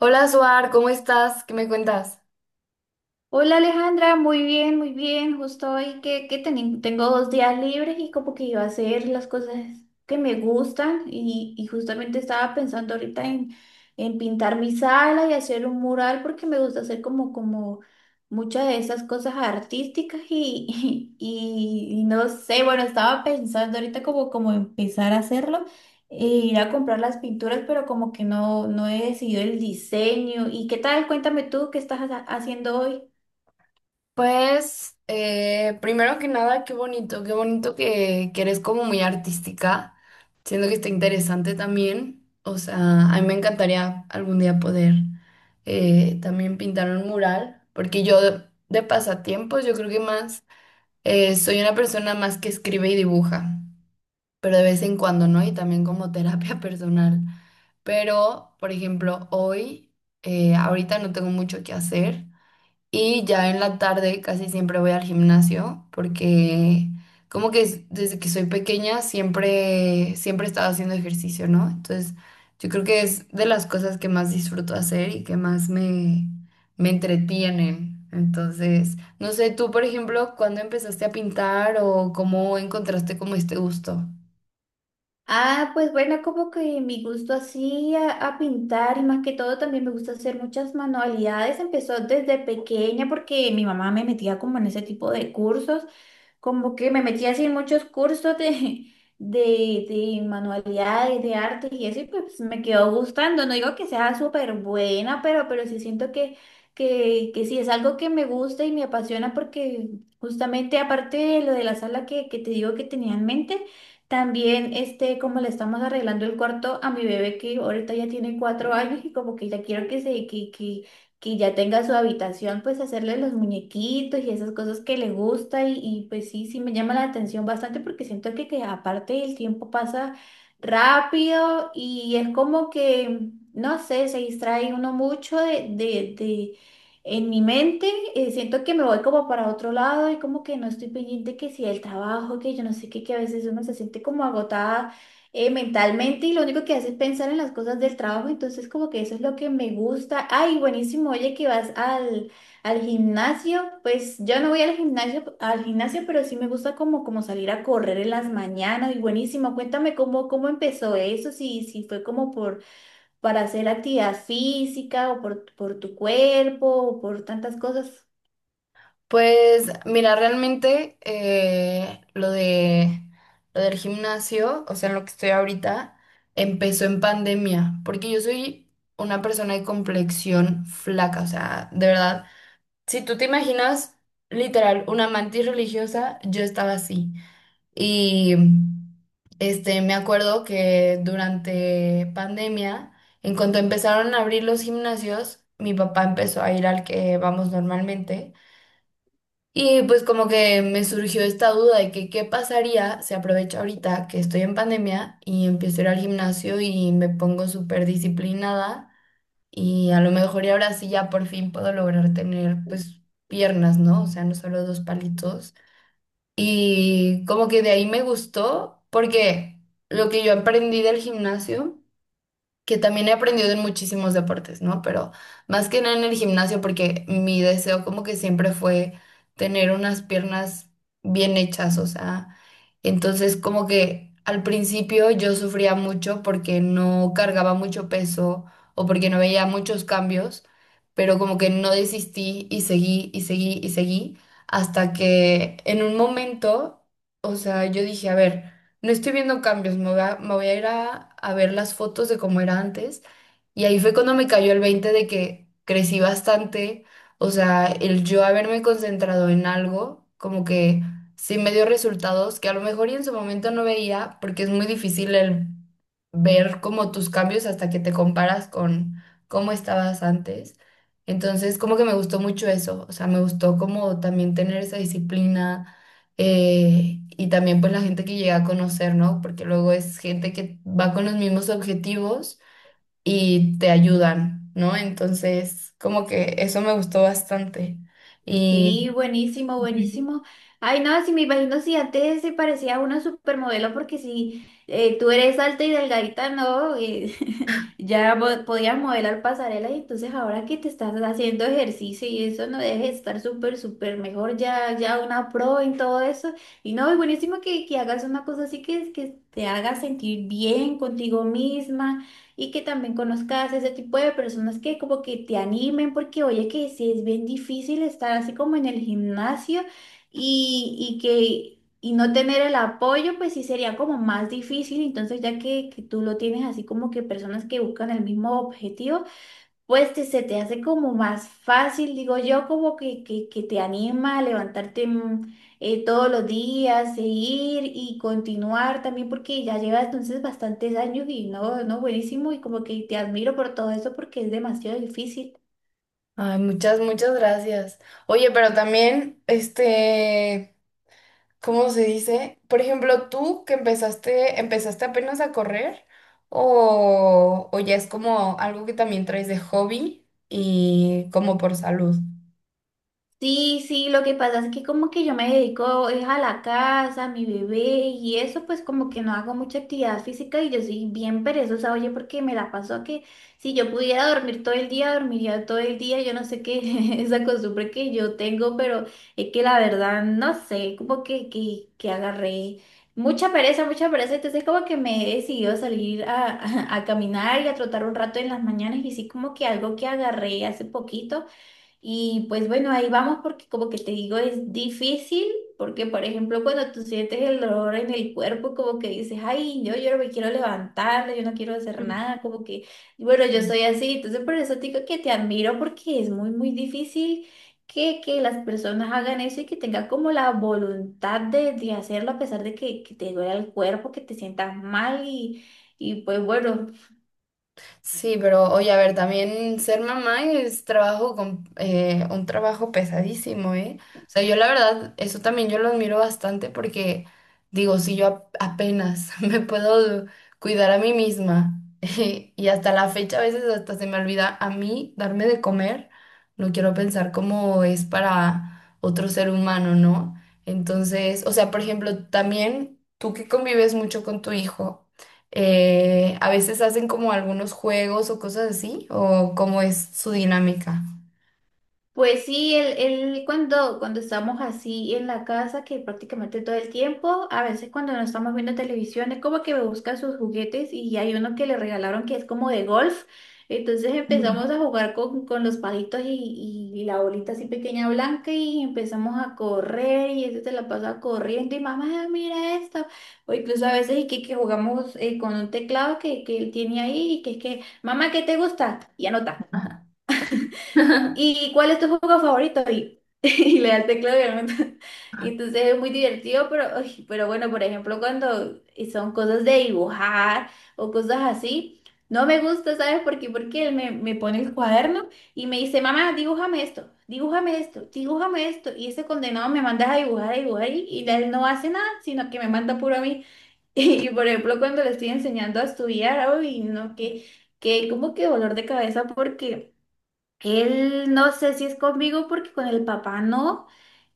Hola, Suar, ¿cómo estás? ¿Qué me cuentas? Hola Alejandra, muy bien, muy bien. Justo hoy que tengo dos días libres y como que iba a hacer las cosas que me gustan y justamente estaba pensando ahorita en pintar mi sala y hacer un mural porque me gusta hacer como muchas de esas cosas artísticas y, y no sé, bueno, estaba pensando ahorita como empezar a hacerlo. E ir a comprar las pinturas, pero como que no he decidido el diseño. ¿Y qué tal? Cuéntame tú, ¿qué estás haciendo hoy? Pues, primero que nada, qué bonito, qué bonito que eres como muy artística. Siento que está interesante también. O sea, a mí me encantaría algún día poder también pintar un mural, porque yo de pasatiempos, yo creo que más, soy una persona más que escribe y dibuja, pero de vez en cuando, ¿no? Y también como terapia personal. Pero, por ejemplo, hoy, ahorita no tengo mucho que hacer. Y ya en la tarde casi siempre voy al gimnasio porque desde que soy pequeña siempre, siempre he estado haciendo ejercicio, ¿no? Entonces yo creo que es de las cosas que más disfruto hacer y que me entretienen. Entonces, no sé, tú, por ejemplo, ¿cuándo empezaste a pintar o cómo encontraste como este gusto? Ah, pues bueno, como que mi gusto así a pintar y más que todo también me gusta hacer muchas manualidades. Empezó desde pequeña porque mi mamá me metía como en ese tipo de cursos, como que me metía así en muchos cursos de de manualidades, de arte y eso, y pues me quedó gustando. No digo que sea súper buena, pero sí siento que sí es algo que me gusta y me apasiona porque justamente aparte de lo de la sala que te digo que tenía en mente. También, este, como le estamos arreglando el cuarto a mi bebé que ahorita ya tiene 4 años y como que ya quiero que se, que ya tenga su habitación, pues hacerle los muñequitos y esas cosas que le gusta y, pues sí, sí me llama la atención bastante porque siento que aparte el tiempo pasa rápido y es como que, no sé, se distrae uno mucho de en mi mente siento que me voy como para otro lado y como que no estoy pendiente que si el trabajo, que yo no sé qué, que a veces uno se siente como agotada mentalmente y lo único que hace es pensar en las cosas del trabajo, entonces como que eso es lo que me gusta. Ay, buenísimo, oye, que vas al gimnasio, pues yo no voy al gimnasio, pero sí me gusta como salir a correr en las mañanas y buenísimo, cuéntame cómo empezó eso, si fue como por para hacer actividad física o por tu cuerpo o por tantas cosas. Pues mira, realmente lo del gimnasio, o sea, en lo que estoy ahorita, empezó en pandemia, porque yo soy una persona de complexión flaca, o sea, de verdad, si tú te imaginas literal una mantis religiosa, yo estaba así. Y me acuerdo que durante pandemia, en cuanto empezaron a abrir los gimnasios, mi papá empezó a ir al que vamos normalmente. Y pues como que me surgió esta duda de que qué pasaría si aprovecho ahorita que estoy en pandemia y empiezo a ir al gimnasio y me pongo súper disciplinada y a lo mejor y ahora sí ya por fin puedo lograr tener pues piernas, ¿no? O sea, no solo dos palitos. Y como que de ahí me gustó porque lo que yo aprendí del gimnasio que también he aprendido en muchísimos deportes, ¿no? Pero más que nada en el gimnasio, porque mi deseo como que siempre fue tener unas piernas bien hechas, o sea, entonces como que al principio yo sufría mucho porque no cargaba mucho peso o porque no veía muchos cambios, pero como que no desistí y seguí y seguí y seguí hasta que en un momento, o sea, yo dije, a ver, no estoy viendo cambios, me voy a a ver las fotos de cómo era antes. Y ahí fue cuando me cayó el 20 de que crecí bastante. O sea, el yo haberme concentrado en algo, como que sí me dio resultados que a lo mejor y en su momento no veía, porque es muy difícil el ver como tus cambios hasta que te comparas con cómo estabas antes. Entonces, como que me gustó mucho eso. O sea, me gustó como también tener esa disciplina y también pues la gente que llega a conocer, ¿no? Porque luego es gente que va con los mismos objetivos y te ayudan, ¿no? Entonces, como que eso me gustó bastante. Y Sí, buenísimo, Ujú. buenísimo. Ay, no, si me imagino si antes se parecía a una supermodelo, porque si tú eres alta y delgadita, no, ya podías modelar pasarelas y entonces ahora que te estás haciendo ejercicio y eso, no dejes de estar súper, súper mejor, ya, ya una pro en todo eso. Y no, es buenísimo que hagas una cosa así que te haga sentir bien contigo misma y que también conozcas ese tipo de personas que como que te animen, porque oye que sí es bien difícil estar así como en el gimnasio y, y que y no tener el apoyo, pues sí sería como más difícil. Entonces, ya que tú lo tienes así como que personas que buscan el mismo objetivo, pues se te hace como más fácil, digo yo, como que te anima a levantarte todos los días, seguir y continuar también, porque ya llevas entonces bastantes años y no, buenísimo, y como que te admiro por todo eso porque es demasiado difícil. Ay, muchas, muchas gracias. Oye, pero también, ¿cómo se dice? Por ejemplo, empezaste apenas a correr o ya es como algo que también traes de hobby y como por salud. Sí, sí, lo que pasa es que como que yo me dedico es a la casa, a mi bebé y eso, pues como que no hago mucha actividad física y yo soy bien perezosa, oye, porque me la paso que si yo pudiera dormir todo el día, dormiría todo el día, yo no sé qué esa costumbre que yo tengo, pero es que la verdad no sé, como que agarré mucha pereza, entonces como que me he decidido salir a, a caminar y a trotar un rato en las mañanas y sí como que algo que agarré hace poquito. Y pues bueno, ahí vamos porque como que te digo, es difícil porque, por ejemplo, cuando tú sientes el dolor en el cuerpo, como que dices, ay, yo no me quiero levantar, yo no quiero hacer nada, como que, y bueno, yo Ujú. soy así, entonces por eso te digo que te admiro porque es muy, muy difícil que las personas hagan eso y que tengan como la voluntad de hacerlo a pesar de que te duela el cuerpo, que te sientas mal y pues bueno. Sí, pero oye, a ver, también ser mamá es trabajo con, un trabajo pesadísimo, ¿eh? O sea, yo la verdad, eso también yo lo admiro bastante porque digo, si yo apenas me puedo cuidar a mí misma y hasta la fecha a veces hasta se me olvida a mí darme de comer, no quiero pensar cómo es para otro ser humano, ¿no? Entonces, o sea, por ejemplo, también tú que convives mucho con tu hijo. A veces hacen como algunos juegos o cosas así, o cómo es su dinámica. Pues sí, él cuando estamos así en la casa, que prácticamente todo el tiempo, a veces cuando no estamos viendo televisión, es como que me busca sus juguetes y hay uno que le regalaron que es como de golf. Entonces Mm, empezamos a jugar con los palitos y la bolita así pequeña blanca y empezamos a correr y ese se la pasa corriendo y mamá, mira esto. O incluso a veces y que jugamos con un teclado que él tiene ahí y que es que, mamá, ¿qué te gusta? Y anota. ajá. ¿Y cuál es tu juego favorito? Y, y le da el teclado y el. Y entonces es muy divertido, pero, ay, pero bueno, por ejemplo, cuando son cosas de dibujar o cosas así, no me gusta, ¿sabes por qué? Porque me pone el cuaderno y me dice, mamá, dibújame esto, dibújame esto, dibújame esto. Y ese condenado me manda a dibujar y él no hace nada, sino que me manda puro a mí. Y, por ejemplo, cuando le estoy enseñando a estudiar, ay, no, que como que dolor de cabeza porque... Él no sé si es conmigo porque con el papá no.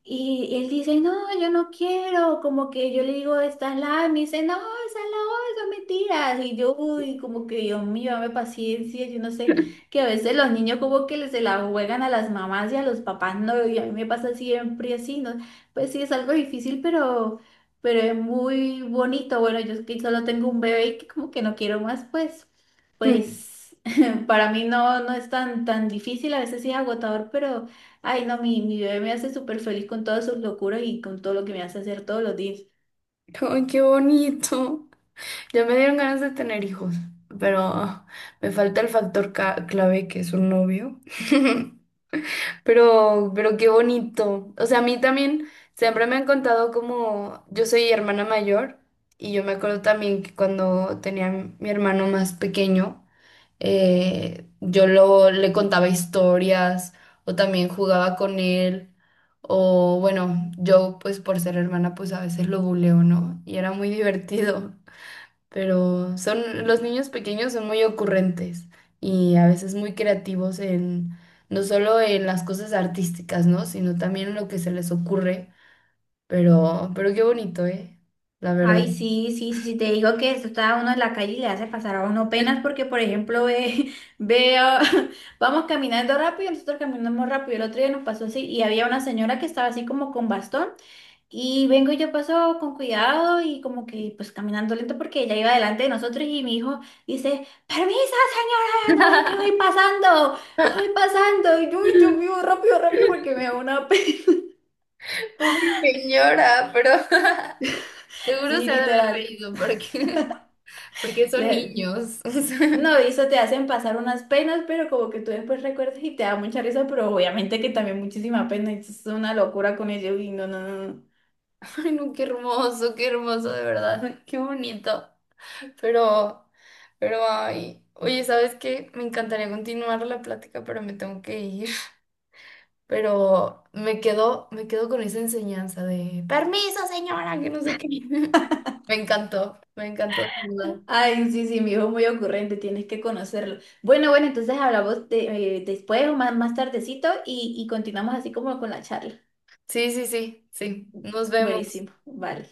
Y él dice, no, yo no quiero. Como que yo le digo, esta es la A. Y me dice, no, esa es la O, eso es mentiras. Y yo, uy, como que Dios mío, dame paciencia. Yo no sé, que a veces los niños como que se la juegan a las mamás y a los papás no. Y a mí me pasa siempre así, ¿no? Pues sí, es algo difícil, pero es muy bonito. Bueno, yo es que solo tengo un bebé y que como que no quiero más, pues, pues. Para mí no, no es tan difícil, a veces sí es agotador, pero ay no, mi bebé me hace súper feliz con todas sus locuras y con todo lo que me hace hacer todos los días. Ay, qué bonito. Ya me dieron ganas de tener hijos, pero me falta el factor clave que es un novio. Pero qué bonito. O sea, a mí también siempre me han contado como yo soy hermana mayor y yo me acuerdo también que cuando tenía mi hermano más pequeño. Le contaba historias o también jugaba con él. O bueno, yo pues por ser hermana pues a veces lo buleo, ¿no? Y era muy divertido. Pero son, los niños pequeños son muy ocurrentes y a veces muy creativos en, no solo en las cosas artísticas, ¿no? Sino también en lo que se les ocurre. Pero qué bonito, ¿eh? La verdad. Ay, sí, sí, sí, sí, te digo que esto está uno en la calle y le hace pasar a uno penas porque, por ejemplo, ve, veo, vamos caminando rápido, nosotros caminamos rápido, el otro día nos pasó así y había una señora que estaba así como con bastón. Y vengo y yo paso con cuidado y como que pues caminando lento porque ella iba delante de nosotros y mi hijo dice, permisa señora, no ve que voy pasando, voy pasando. Y yo, "Uy, Dios mío, rápido, rápido porque me da una pena." Pobre señora, pero seguro Sí, se ha de haber literal. reído porque... Porque son Le-. niños. No, y eso te hacen pasar unas penas, pero como que tú después recuerdas y te da mucha risa, pero obviamente que también muchísima pena. Y es una locura con ello y no, no, no, no. O sea, ay, no, qué hermoso, de verdad. Qué bonito. Pero, pero, ay. Oye, ¿sabes qué? Me encantaría continuar la plática, pero me tengo que ir. Pero me quedo con esa enseñanza de permiso, señora, que no sé qué. Me encantó, de verdad. Ay, sí, sí, mi hijo es muy ocurrente, tienes que conocerlo. Bueno, bueno, entonces hablamos después o más, más tardecito y continuamos así como con la charla. Sí, sí, sí, sí. Nos vemos. Buenísimo, vale.